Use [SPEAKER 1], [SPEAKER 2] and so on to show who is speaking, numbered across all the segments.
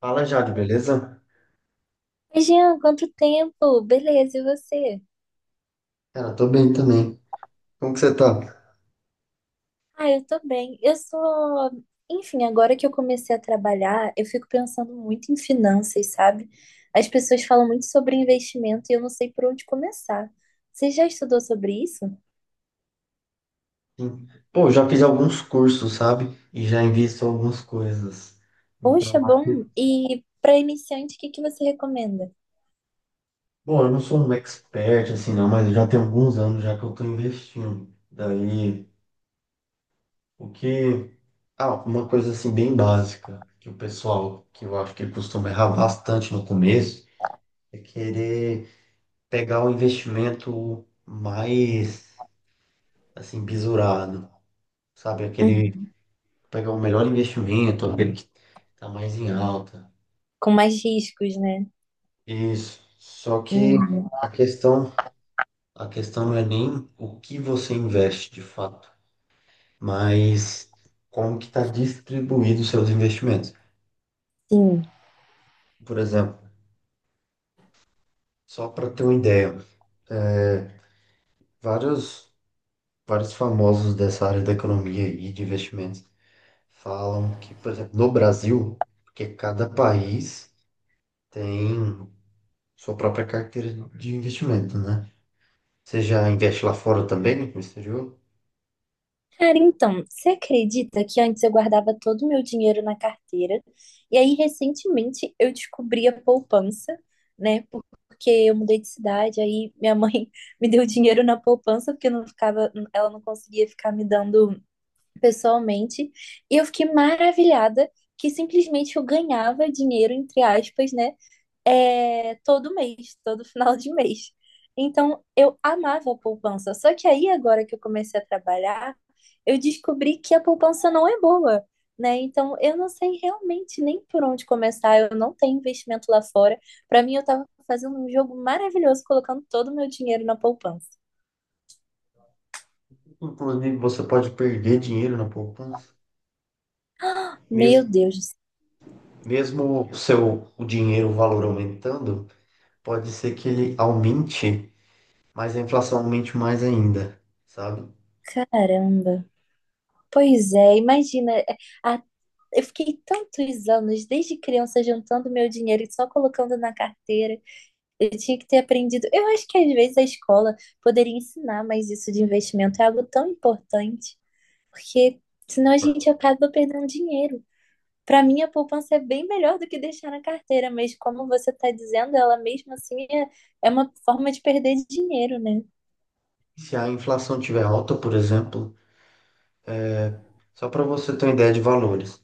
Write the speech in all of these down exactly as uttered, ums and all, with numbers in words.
[SPEAKER 1] Fala, Jade, beleza?
[SPEAKER 2] Oi, Jean, quanto tempo? Beleza, e você?
[SPEAKER 1] Cara, tô bem também. Como que você tá?
[SPEAKER 2] Ah, eu tô bem. Eu sou. Enfim, agora que eu comecei a trabalhar, eu fico pensando muito em finanças, sabe? As pessoas falam muito sobre investimento e eu não sei por onde começar. Você já estudou sobre isso?
[SPEAKER 1] Sim. Pô, eu já fiz alguns cursos, sabe? E já invisto algumas coisas.
[SPEAKER 2] Poxa,
[SPEAKER 1] Então, aqui...
[SPEAKER 2] bom. E para iniciante, o que que você recomenda?
[SPEAKER 1] Bom, eu não sou um expert, assim, não, mas eu já tenho alguns anos já que eu tô investindo. Daí, o que... Ah, uma coisa, assim, bem básica, que o pessoal, que eu acho que costuma errar bastante no começo, é querer pegar o investimento mais, assim, bisurado. Sabe, aquele
[SPEAKER 2] Uhum.
[SPEAKER 1] pegar o melhor investimento, aquele que está mais em alta.
[SPEAKER 2] Com mais riscos, né?
[SPEAKER 1] Isso. Só que
[SPEAKER 2] Uhum.
[SPEAKER 1] a questão, a questão não é nem o que você investe de fato, mas como que está distribuído os seus investimentos.
[SPEAKER 2] Sim.
[SPEAKER 1] Por exemplo, só para ter uma ideia, vários, vários famosos dessa área da economia e de investimentos falam que, por exemplo, no Brasil, porque cada país tem sua própria carteira de investimento, né? Você já investe lá fora também, no exterior?
[SPEAKER 2] Cara, então, você acredita que antes eu guardava todo o meu dinheiro na carteira? E aí, recentemente, eu descobri a poupança, né? Porque eu mudei de cidade, aí minha mãe me deu dinheiro na poupança, porque eu não ficava, ela não conseguia ficar me dando pessoalmente. E eu fiquei maravilhada que simplesmente eu ganhava dinheiro, entre aspas, né? É, todo mês, todo final de mês. Então, eu amava a poupança. Só que aí, agora que eu comecei a trabalhar, eu descobri que a poupança não é boa, né? Então, eu não sei realmente nem por onde começar. Eu não tenho investimento lá fora. Para mim, eu tava fazendo um jogo maravilhoso, colocando todo o meu dinheiro na poupança.
[SPEAKER 1] Inclusive, você pode perder dinheiro na poupança.
[SPEAKER 2] Meu
[SPEAKER 1] Mesmo,
[SPEAKER 2] Deus, do
[SPEAKER 1] mesmo o seu o dinheiro, o valor aumentando, pode ser que ele aumente, mas a inflação aumente mais ainda, sabe?
[SPEAKER 2] céu, caramba. Pois é, imagina. é, a- Eu fiquei tantos anos, desde criança, juntando meu dinheiro e só colocando na carteira. Eu tinha que ter aprendido. Eu acho que às vezes a escola poderia ensinar mais isso de investimento. É algo tão importante, porque senão a gente acaba perdendo dinheiro. Para mim, a poupança é bem melhor do que deixar na carteira, mas como você está dizendo, ela mesmo assim é, é uma forma de perder dinheiro, né?
[SPEAKER 1] Se a inflação tiver alta, por exemplo, só para você ter uma ideia de valores.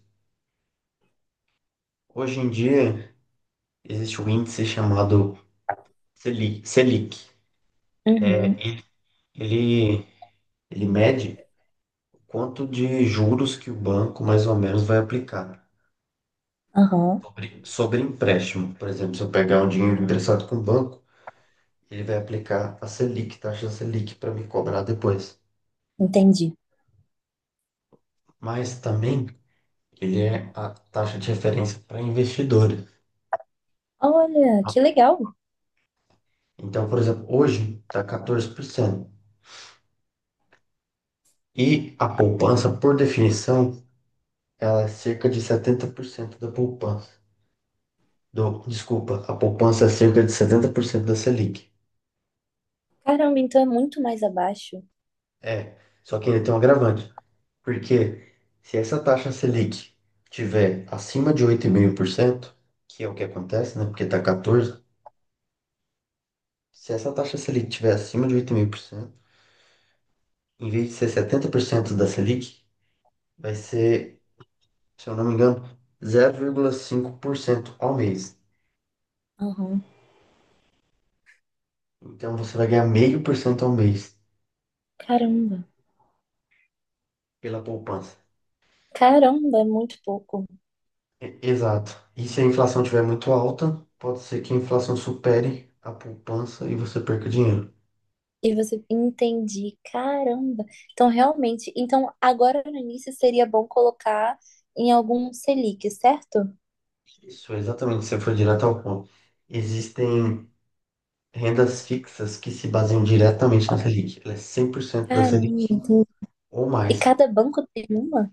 [SPEAKER 1] Hoje em dia, existe um índice chamado selic Selic. É,
[SPEAKER 2] Uhum,
[SPEAKER 1] ele, ele, ele mede o quanto de juros que o banco mais ou menos vai aplicar.
[SPEAKER 2] aham,
[SPEAKER 1] Sobre, sobre empréstimo, por exemplo, se eu pegar um dinheiro emprestado com o banco, ele vai aplicar a Selic, taxa Selic, para me cobrar depois.
[SPEAKER 2] entendi.
[SPEAKER 1] Mas também ele é a taxa de referência para investidores.
[SPEAKER 2] Olha, que legal.
[SPEAKER 1] Então, por exemplo, hoje está quatorze por cento. E a poupança, por definição, ela é cerca de setenta por cento da poupança. Do, desculpa, a poupança é cerca de setenta por cento da Selic.
[SPEAKER 2] Caramba, então é muito mais abaixo.
[SPEAKER 1] É, só que ele tem um agravante. Porque se essa taxa Selic tiver acima de oito vírgula cinco por cento, que é o que acontece, né? Porque tá quatorze por cento, se essa taxa Selic tiver acima de oito vírgula cinco por cento, em vez de ser setenta por cento da Selic, vai ser, se eu não me engano, zero vírgula cinco por cento ao mês.
[SPEAKER 2] Aham,
[SPEAKER 1] Então você vai ganhar meio por cento ao mês
[SPEAKER 2] caramba.
[SPEAKER 1] pela poupança.
[SPEAKER 2] Caramba, é muito pouco.
[SPEAKER 1] E- Exato. E se a inflação estiver muito alta, pode ser que a inflação supere a poupança e você perca dinheiro.
[SPEAKER 2] E você entendi, caramba. Então, realmente, então agora no início seria bom colocar em algum Selic, certo?
[SPEAKER 1] Isso, exatamente, você foi direto ao ponto. Existem rendas fixas que se baseiam diretamente na Selic. Ela é cem por cento da
[SPEAKER 2] Caramba,
[SPEAKER 1] Selic
[SPEAKER 2] entendi.
[SPEAKER 1] ou
[SPEAKER 2] E
[SPEAKER 1] mais.
[SPEAKER 2] cada banco tem uma?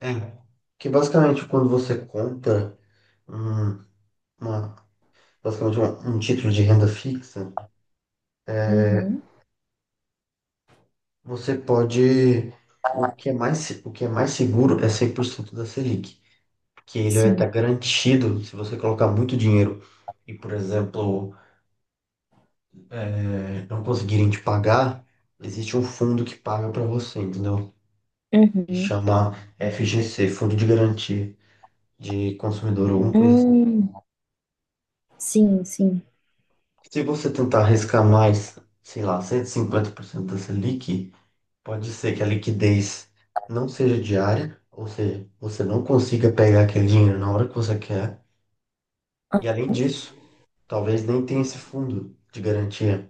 [SPEAKER 1] É. Que basicamente, quando você compra um, uma, basicamente um, um título de renda fixa,
[SPEAKER 2] Uhum,
[SPEAKER 1] você pode. O que é mais, se- o que é mais seguro é cem por cento da Selic, que ele vai estar
[SPEAKER 2] sim.
[SPEAKER 1] garantido se você colocar muito dinheiro e, por exemplo, eh, não conseguirem te pagar, existe um fundo que paga para você, entendeu? Que
[SPEAKER 2] Uhum.
[SPEAKER 1] chama F G C, Fundo de Garantia de Consumidor, alguma coisa assim.
[SPEAKER 2] Hum, sim, sim.
[SPEAKER 1] Se você tentar arriscar mais, sei lá, cento e cinquenta por cento da Selic, pode ser que a liquidez não seja diária, ou seja, você não consiga pegar aquele dinheiro na hora que você quer.
[SPEAKER 2] Ah,
[SPEAKER 1] E além disso, talvez nem tenha esse fundo de garantia.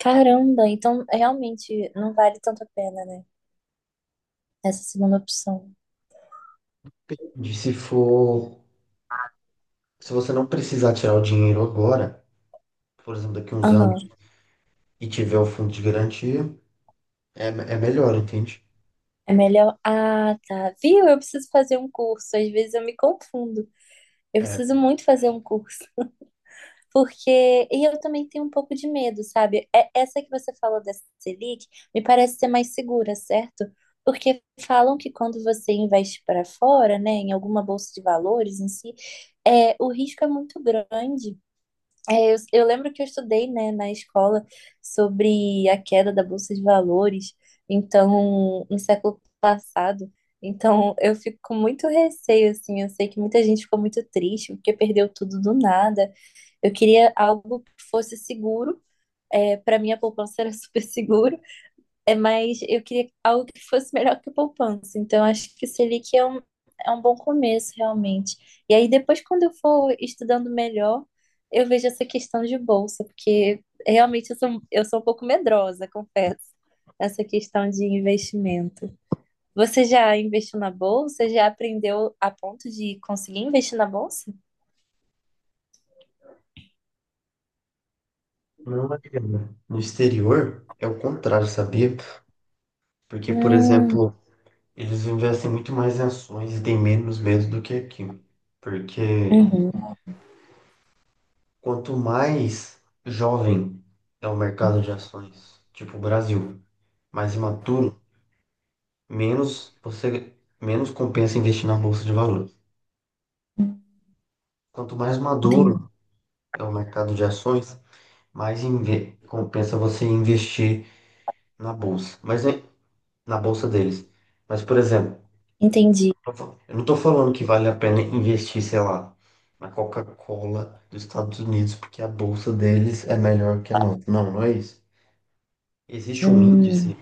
[SPEAKER 2] caramba, então realmente não vale tanto a pena, né? Essa segunda opção.
[SPEAKER 1] De Se for, se você não precisar tirar o dinheiro agora, por exemplo, daqui a uns anos,
[SPEAKER 2] Aham.
[SPEAKER 1] e tiver o fundo de garantia, é, é melhor, entende?
[SPEAKER 2] É melhor. Ah, tá. Viu? Eu preciso fazer um curso. Às vezes eu me confundo. Eu
[SPEAKER 1] É,
[SPEAKER 2] preciso muito fazer um curso. Porque, e eu também tenho um pouco de medo, sabe? É- Essa que você falou dessa Selic me parece ser mais segura, certo? Porque falam que quando você investe para fora, né, em alguma bolsa de valores em si, é, o risco é muito grande. É, eu, eu lembro que eu estudei, né, na escola sobre a queda da bolsa de valores, então, no século passado. Então, eu fico com muito receio, assim. Eu sei que muita gente ficou muito triste porque perdeu tudo do nada. Eu queria algo que fosse seguro. É, para mim, a poupança era super seguro, é, mas eu queria algo que fosse melhor que a poupança. Então, acho que o Selic é um, é um bom começo, realmente. E aí, depois, quando eu for estudando melhor, eu vejo essa questão de bolsa, porque realmente eu sou, eu sou um pouco medrosa, confesso, essa questão de investimento. Você já investiu na bolsa? Já aprendeu a ponto de conseguir investir na bolsa?
[SPEAKER 1] não, Mariana. No exterior é o contrário, sabia? Porque, por
[SPEAKER 2] Hum,
[SPEAKER 1] exemplo, eles investem muito mais em ações e têm menos medo do que aqui. Porque
[SPEAKER 2] uhum,
[SPEAKER 1] quanto mais jovem é o mercado de ações, tipo o Brasil, mais imaturo, menos você menos compensa investir na bolsa de valores. Quanto mais maduro
[SPEAKER 2] entendi.
[SPEAKER 1] é o mercado de ações, mais inve- compensa você investir na bolsa, mas é na bolsa deles. Mas, por exemplo,
[SPEAKER 2] Entendi.
[SPEAKER 1] Não tô- eu não tô falando que vale a pena investir, sei lá, na Coca-Cola dos Estados Unidos, porque a bolsa deles é melhor que a nossa. Não, não é isso. Existe um
[SPEAKER 2] Hum,
[SPEAKER 1] índice,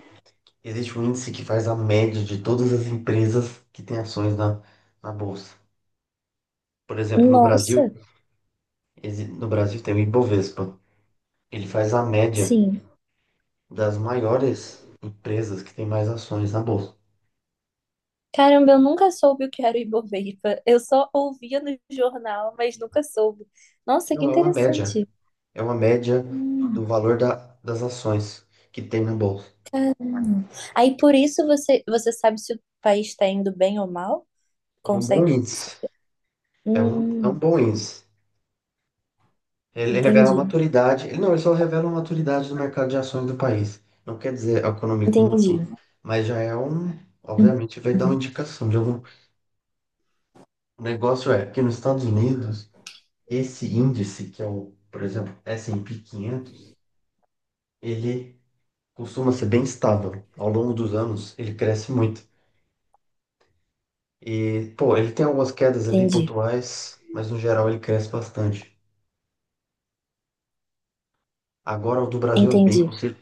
[SPEAKER 1] existe um índice que faz a média de todas as empresas que têm ações na, na bolsa. Por exemplo, no Brasil,
[SPEAKER 2] nossa,
[SPEAKER 1] exi- no Brasil tem o Ibovespa. Ele faz a média
[SPEAKER 2] sim.
[SPEAKER 1] das maiores empresas que têm mais ações na bolsa.
[SPEAKER 2] Caramba, eu nunca soube o que era o Ibovespa. Eu só ouvia no jornal, mas nunca soube. Nossa, que
[SPEAKER 1] Não, é uma média.
[SPEAKER 2] interessante.
[SPEAKER 1] É uma média
[SPEAKER 2] Hum,
[SPEAKER 1] do valor da- das ações que tem na bolsa.
[SPEAKER 2] caramba. Aí por isso você, você sabe se o país está indo bem ou mal?
[SPEAKER 1] É um bom
[SPEAKER 2] Consegue?
[SPEAKER 1] índice. É um, é um
[SPEAKER 2] Hum,
[SPEAKER 1] bom índice. Ele revela a
[SPEAKER 2] entendi.
[SPEAKER 1] maturidade. Ele, não, ele só revela a maturidade do mercado de ações do país. Não quer dizer a economia como um
[SPEAKER 2] Entendi.
[SPEAKER 1] todo. Mas já é um.
[SPEAKER 2] Hum,
[SPEAKER 1] Obviamente, vai dar uma indicação de algum. O negócio é que nos Estados Unidos, esse índice, que é o, por exemplo, esse e pê quinhentos, ele costuma ser bem estável. Ao longo dos anos, ele cresce muito. E, pô, ele tem algumas quedas ali
[SPEAKER 2] Entendi.
[SPEAKER 1] pontuais, mas no geral ele cresce bastante. Agora, o do Brasil é bem.
[SPEAKER 2] Entendi.
[SPEAKER 1] oscila-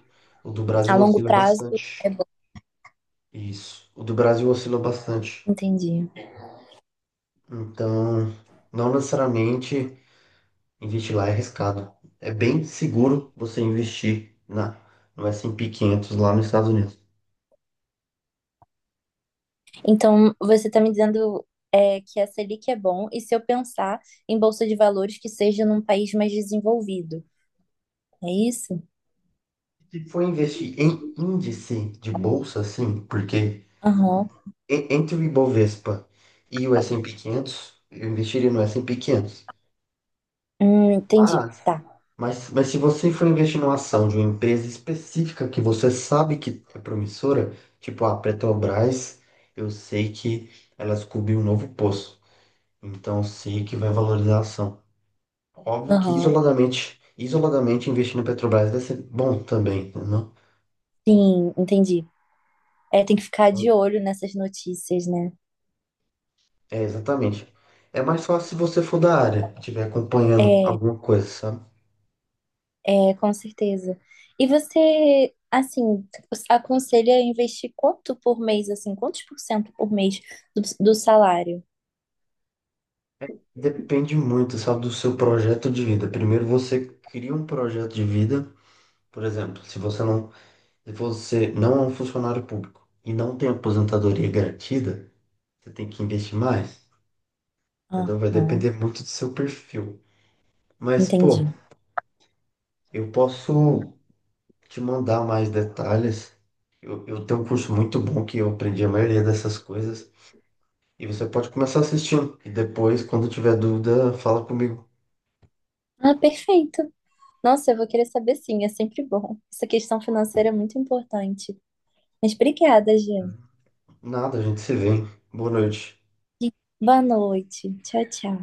[SPEAKER 1] o do
[SPEAKER 2] A
[SPEAKER 1] Brasil
[SPEAKER 2] longo
[SPEAKER 1] oscila
[SPEAKER 2] prazo
[SPEAKER 1] bastante.
[SPEAKER 2] é bom.
[SPEAKER 1] Isso. O do Brasil oscila bastante.
[SPEAKER 2] Entendi.
[SPEAKER 1] Então, não necessariamente investir lá é arriscado. É bem seguro você investir na, no S and P quinhentos lá nos Estados Unidos.
[SPEAKER 2] Então, você está me dizendo é, que a Selic é bom, e se eu pensar em bolsa de valores que seja num país mais desenvolvido, é isso?
[SPEAKER 1] Se for investir em índice de bolsa, sim, porque
[SPEAKER 2] Aham.
[SPEAKER 1] e- entre o Ibovespa e o esse e pê quinhentos, eu investiria no S and P quinhentos.
[SPEAKER 2] Hum, entendi.
[SPEAKER 1] Mas,
[SPEAKER 2] Tá.
[SPEAKER 1] Mas, mas se você for investir numa ação de uma empresa específica que você sabe que é promissora, tipo a Petrobras, eu sei que ela descobriu um novo poço, então eu sei que vai valorizar a ação. Óbvio que
[SPEAKER 2] Aham.
[SPEAKER 1] isoladamente, isoladamente investir na Petrobras vai ser bom também, entendeu?
[SPEAKER 2] Sim, entendi. É, tem que ficar de olho nessas notícias, né?
[SPEAKER 1] É, exatamente. É mais fácil se você for da área, estiver acompanhando alguma coisa, sabe?
[SPEAKER 2] É, é, com certeza. E você, assim, aconselha a investir quanto por mês, assim, quantos por cento por mês do, do salário?
[SPEAKER 1] Depende muito, sabe, do seu projeto de vida. Primeiro você cria um projeto de vida, por exemplo, se você não se você não é um funcionário público e não tem aposentadoria garantida, você tem que investir mais, entendeu? Vai
[SPEAKER 2] Aham,
[SPEAKER 1] depender muito do seu perfil. Mas, pô,
[SPEAKER 2] entendi.
[SPEAKER 1] eu posso te mandar mais detalhes. Eu, eu tenho um curso muito bom que eu aprendi a maioria dessas coisas. E você pode começar assistindo. E depois, quando tiver dúvida, fala comigo.
[SPEAKER 2] Ah, perfeito. Nossa, eu vou querer saber sim, é sempre bom. Essa questão financeira é muito importante. Mas obrigada, Jean.
[SPEAKER 1] Nada, a gente se vê, hein? Boa noite.
[SPEAKER 2] Boa noite. Tchau, tchau.